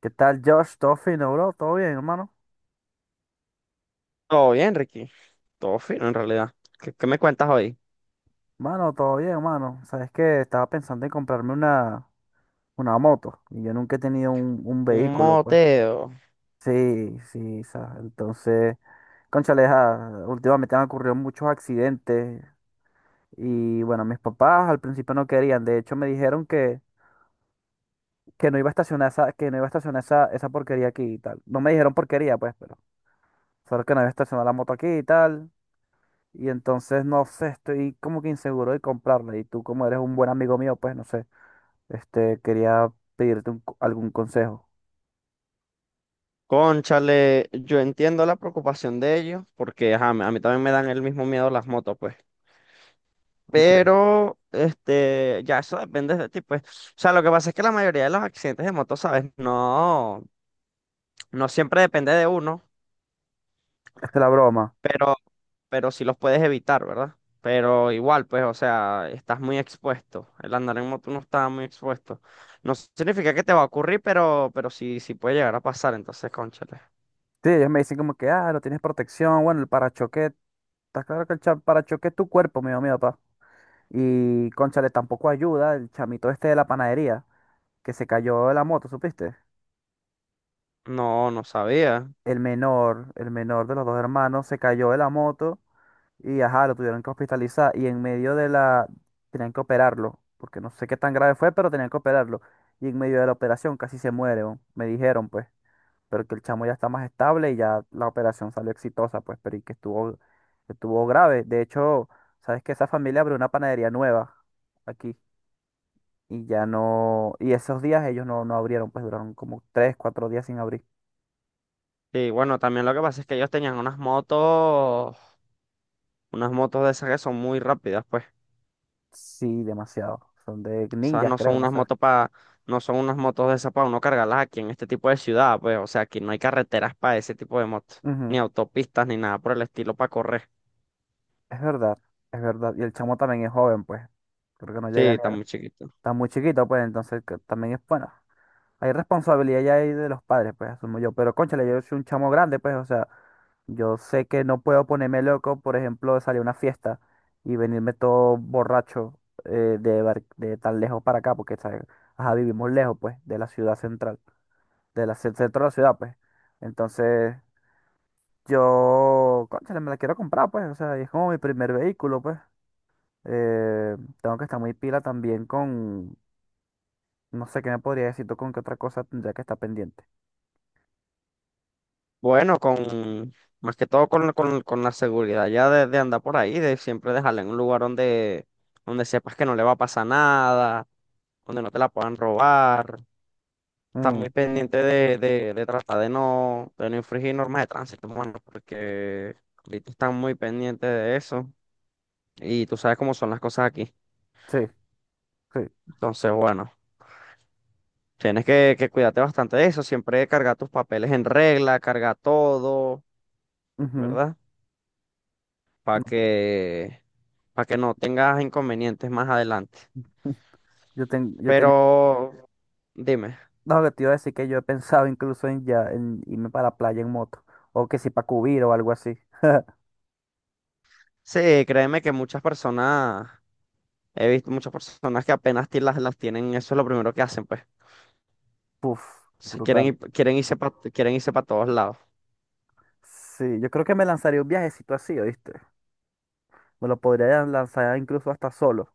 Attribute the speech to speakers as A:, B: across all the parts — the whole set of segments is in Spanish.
A: ¿Qué tal, Josh? ¿Todo fino, bro? ¿Todo bien, hermano?
B: Todo bien, Ricky. Todo fino, en realidad. ¿Qué me cuentas hoy?
A: Mano, todo bien, hermano. Sabes que estaba pensando en comprarme una moto y yo nunca he tenido un
B: Un
A: vehículo, pues.
B: moteo.
A: Sí, sí, sabes. Entonces, cónchale, ja, últimamente han ocurrido muchos accidentes y bueno, mis papás al principio no querían. De hecho, me dijeron que no iba a estacionar esa, que no iba a estacionar esa porquería aquí y tal. No me dijeron porquería, pues, pero solo que no iba a estacionar la moto aquí y tal. Y entonces, no sé, estoy como que inseguro de comprarla. Y tú, como eres un buen amigo mío, pues no sé, quería pedirte algún consejo.
B: Cónchale, yo entiendo la preocupación de ellos, porque ajá, a mí también me dan el mismo miedo las motos, pues.
A: Ok.
B: Pero, este, ya eso depende de ti, pues. O sea, lo que pasa es que la mayoría de los accidentes de motos, ¿sabes? No, no siempre depende de uno.
A: Esta es la broma.
B: Pero sí los puedes evitar, ¿verdad? Pero igual, pues, o sea, estás muy expuesto. El andar en moto no está muy expuesto. No significa que te va a ocurrir, pero sí, sí puede llegar a pasar. Entonces, cónchale.
A: Sí, ellos me dicen como que, ah, no tienes protección. Bueno, el parachoque, está claro que el parachoque es tu cuerpo, mío, mío, papá. Y, cónchale, tampoco ayuda el chamito este de la panadería, que se cayó de la moto, ¿supiste?
B: No, no sabía.
A: El menor de los dos hermanos se cayó de la moto. Y ajá, lo tuvieron que hospitalizar y en medio de la... Tenían que operarlo, porque no sé qué tan grave fue, pero tenían que operarlo. Y en medio de la operación casi se muere, weón. Me dijeron, pues, pero que el chamo ya está más estable y ya la operación salió exitosa, pues, pero y que estuvo grave. De hecho, sabes que esa familia abrió una panadería nueva aquí y ya no, y esos días ellos no abrieron, pues duraron como 3, 4 días sin abrir.
B: Y bueno, también lo que pasa es que ellos tenían unas motos de esas que son muy rápidas, pues.
A: Sí, demasiado. Son de
B: O sea,
A: ninjas,
B: no son
A: creo, no
B: unas
A: sé.
B: motos para, no son unas motos de esas para uno cargarlas aquí en este tipo de ciudad, pues. O sea, aquí no hay carreteras para ese tipo de motos, ni
A: Ujú.
B: autopistas, ni nada por el estilo para correr.
A: Es verdad, es verdad. Y el chamo también es joven, pues. Creo que no
B: Sí,
A: llega ni
B: está
A: a...
B: muy chiquito.
A: Está muy chiquito, pues, entonces que también es bueno. Hay responsabilidad ya ahí de los padres, pues, asumo yo. Pero, cónchale, yo soy un chamo grande, pues, o sea, yo sé que no puedo ponerme loco, por ejemplo, de salir a una fiesta y venirme todo borracho de tan lejos para acá, porque, ¿sabes? Ajá, vivimos lejos, pues, de la ciudad central, centro de la ciudad, pues. Entonces, yo, cónchale, me la quiero comprar, pues, o sea, y es como mi primer vehículo, pues. Eh, tengo que estar muy pila también con, no sé qué me podría decir tú con qué otra cosa tendría que estar pendiente.
B: Bueno, con más que todo con, con la seguridad ya de andar por ahí, de siempre dejarla en un lugar donde, donde sepas que no le va a pasar nada, donde no te la puedan robar. Estar muy
A: Mm,
B: pendiente de tratar de no infringir normas de tránsito, mano, porque ahorita están muy pendientes de eso y tú sabes cómo son las cosas aquí.
A: sí, sí.
B: Entonces, bueno, tienes que cuidarte bastante de eso, siempre cargar tus papeles en regla, cargar todo,
A: Ujú,
B: ¿verdad? Para
A: no.
B: que, para que no tengas inconvenientes más adelante.
A: Yo tenía.
B: Pero dime,
A: No, que te iba a decir que yo he pensado incluso en ya en irme para la playa en moto. O que si para Cubrir o algo así.
B: sí, créeme que muchas personas, he visto muchas personas que apenas ti- las tienen, eso es lo primero que hacen, pues.
A: Puf,
B: Si quieren,
A: brutal.
B: ir- quieren irse para todos lados.
A: Sí, yo creo que me lanzaría un viajecito así, ¿oíste? Me lo podría lanzar incluso hasta solo.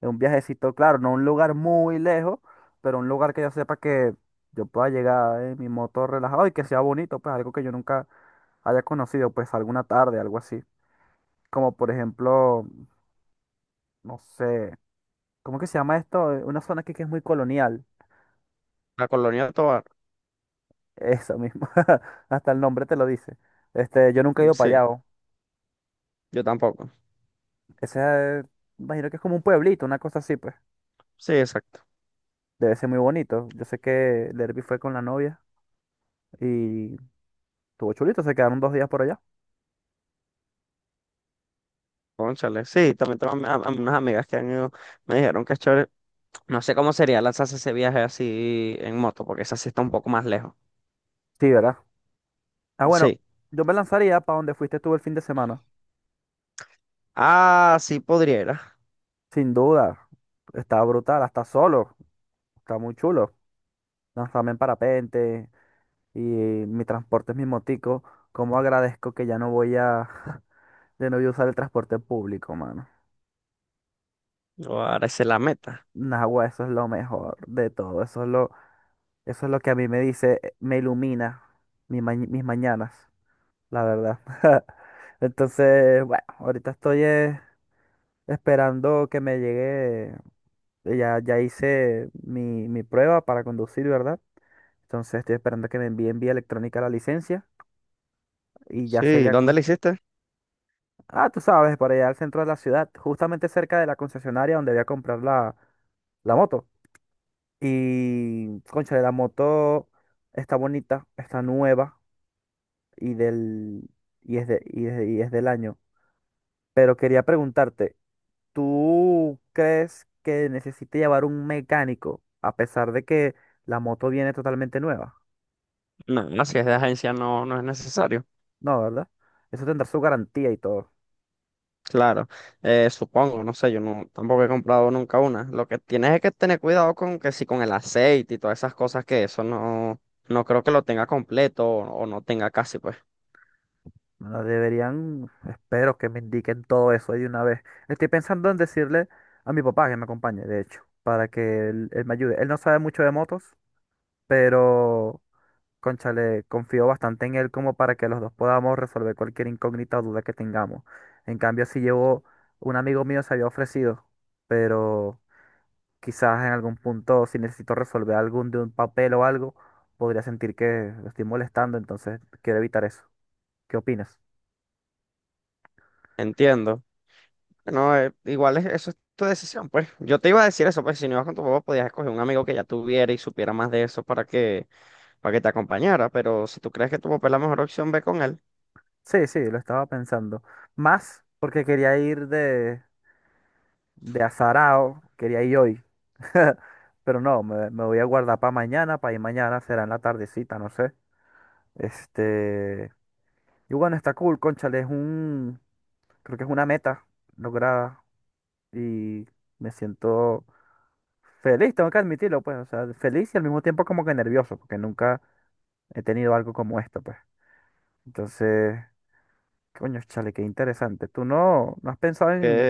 A: Es un viajecito, claro, no un lugar muy lejos, pero un lugar que yo sepa que yo pueda llegar en mi moto relajado y que sea bonito, pues algo que yo nunca haya conocido, pues alguna tarde, algo así. Como por ejemplo, no sé, ¿cómo que se llama esto? Una zona aquí que es muy colonial.
B: La colonia de Tovar,
A: Eso mismo. Hasta el nombre te lo dice. Yo nunca he
B: mm,
A: ido para
B: sí,
A: allá
B: yo tampoco.
A: Ese, eh, imagino que es como un pueblito, una cosa así, pues.
B: Sí, exacto.
A: Debe ser muy bonito. Yo sé que Derby fue con la novia y tuvo chulito, se quedaron 2 días por allá.
B: Cónchale, sí, también tengo unas amigas que han ido, me dijeron que es chévere. No sé cómo sería lanzarse ese viaje así en moto, porque esa sí está un poco más lejos.
A: Sí, ¿verdad? Ah, bueno,
B: Sí.
A: yo me lanzaría para donde fuiste tú el fin de semana.
B: Ah, sí podría.
A: Sin duda. Está brutal, hasta solo. Está muy chulo. Lanzarme en parapente y mi transporte es mi motico. Cómo agradezco que ya no voy a... De no voy a usar el transporte público, mano.
B: Ahora esa es la meta.
A: Nahua, eso es lo mejor de todo. Eso es lo que a mí me dice, me ilumina mis mañanas, la verdad. Entonces, bueno, ahorita estoy esperando que me llegue. Ya hice mi prueba para conducir, ¿verdad? Entonces estoy esperando que me envíen vía electrónica la licencia y ya
B: Sí,
A: sería
B: ¿dónde la
A: cuestión...
B: hiciste?
A: Ah, tú sabes, para allá al centro de la ciudad, justamente cerca de la concesionaria donde voy a comprar la moto. Y, cónchale, la moto está bonita, está nueva y, del, y, es de- y es del año. Pero quería preguntarte, ¿tú crees que necesite llevar un mecánico a pesar de que la moto viene totalmente nueva?
B: No, no, si es de agencia no es necesario.
A: No, ¿verdad? Eso tendrá su garantía y todo.
B: Claro, supongo, no sé, yo no, tampoco he comprado nunca una. Lo que tienes es que tener cuidado con que si con el aceite y todas esas cosas que eso no, no creo que lo tenga completo o no tenga casi, pues.
A: Bueno, deberían, espero que me indiquen todo eso ahí de una vez. Estoy pensando en decirle a mi papá que me acompañe, de hecho, para que él me ayude. Él no sabe mucho de motos, pero, cónchale, confío bastante en él como para que los dos podamos resolver cualquier incógnita o duda que tengamos. En cambio, si llevo, un amigo mío se había ofrecido, pero... Quizás en algún punto, si necesito resolver algún de un papel o algo, podría sentir que lo estoy molestando, entonces quiero evitar eso. ¿Qué opinas?
B: Entiendo. No, igual es, eso es tu decisión, pues. Yo te iba a decir eso, pues si no ibas con tu papá podías escoger un amigo que ya tuviera y supiera más de eso para que te acompañara, pero si tú crees que tu papá es la mejor opción, ve con él.
A: Sí, sí, lo estaba pensando. Más porque quería ir de, azarao, quería ir hoy. Pero no, me voy a guardar para mañana, para ir mañana, será en la tardecita, no sé. Este. Y bueno, está cool, cónchale, es un. Creo que es una meta lograda y me siento feliz, tengo que admitirlo, pues, o sea, feliz y al mismo tiempo como que nervioso, porque nunca he tenido algo como esto, pues. Entonces, coño, chale, qué interesante. ¿Tú no has pensado en,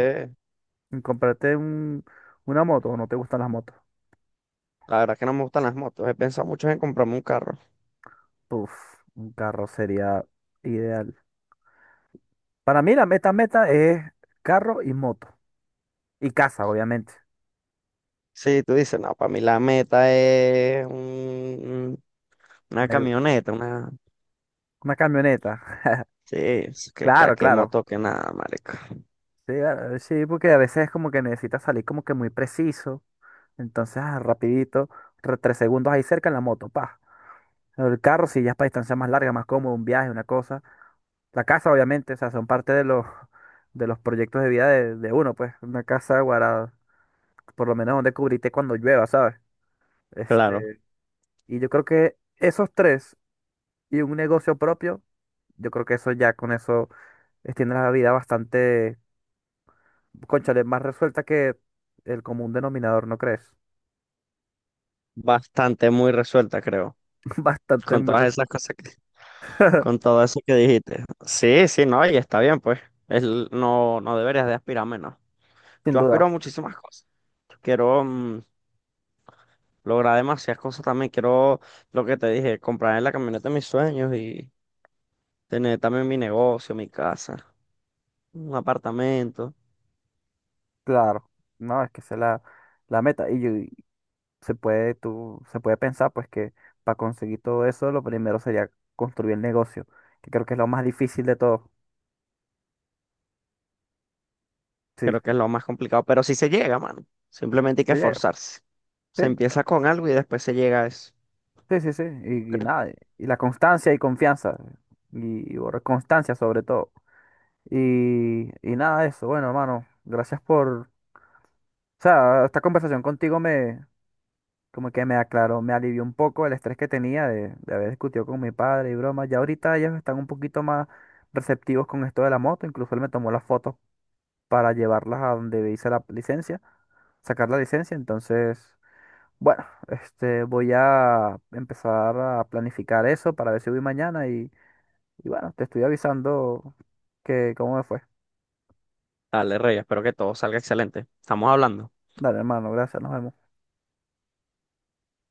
A: en comprarte una moto o no te gustan las motos?
B: La verdad que no me gustan las motos. He pensado mucho en comprarme un carro.
A: Uf, un carro sería ideal. Para mí la meta meta es carro y moto. Y casa, obviamente.
B: Sí, tú dices, no, para mí la meta es un- una
A: Me-
B: camioneta, una...
A: una camioneta.
B: Sí, es que, que,
A: Claro,
B: que
A: claro.
B: moto que nada, marica.
A: Sí, ah, sí, porque a veces es como que necesitas salir como que muy preciso. Entonces, ah, rapidito, tres segundos ahí cerca en la moto, pa. El carro, si ya es para distancia más larga, más cómodo, un viaje, una cosa. La casa, obviamente, o sea, son parte de los, de los proyectos de vida de uno, pues. Una casa guardada, por lo menos donde cubrirte cuando llueva, ¿sabes?
B: Claro,
A: Este, y yo creo que esos tres y un negocio propio, yo creo que eso ya con eso extiende la vida bastante, cónchale, más resuelta que el común denominador, ¿no crees?
B: bastante muy resuelta, creo.
A: Bastante
B: Con
A: muy
B: todas esas
A: resuelta.
B: cosas que... Con todo eso que dijiste. Sí, sí, no, y está bien, pues. Es l- no, no deberías de aspirar menos.
A: Sin
B: Yo
A: duda.
B: aspiro a muchísimas cosas. Yo quiero lograr demasiadas cosas también. Quiero, lo que te dije, comprar la camioneta de mis sueños y... Tener también mi negocio, mi casa, un apartamento.
A: Claro, no, es que esa es la, meta. Y se puede, se puede pensar, pues, que para conseguir todo eso, lo primero sería construir el negocio, que creo que es lo más difícil de todo. Sí,
B: Creo que es lo más complicado, pero sí se llega, mano. Simplemente hay que
A: sería.
B: esforzarse.
A: Sí,
B: Se empieza con algo y después se llega a eso.
A: sí, sí, sí.
B: ¿No
A: Y
B: crees tú?
A: nada, y la constancia y confianza. Y por constancia sobre todo. Y nada de eso. Bueno, hermano, gracias por, o sea, esta conversación contigo como que me aclaró, me alivió un poco el estrés que tenía de, haber discutido con mi padre y broma. Ya ahorita ellos están un poquito más receptivos con esto de la moto, incluso él me tomó las fotos para llevarlas a donde hice la licencia, sacar la licencia, entonces, bueno, voy a empezar a planificar eso para ver si voy mañana y, bueno, te estoy avisando que cómo me fue.
B: Dale, Rey, espero que todo salga excelente. Estamos hablando.
A: Dale, hermano, gracias, nos vemos.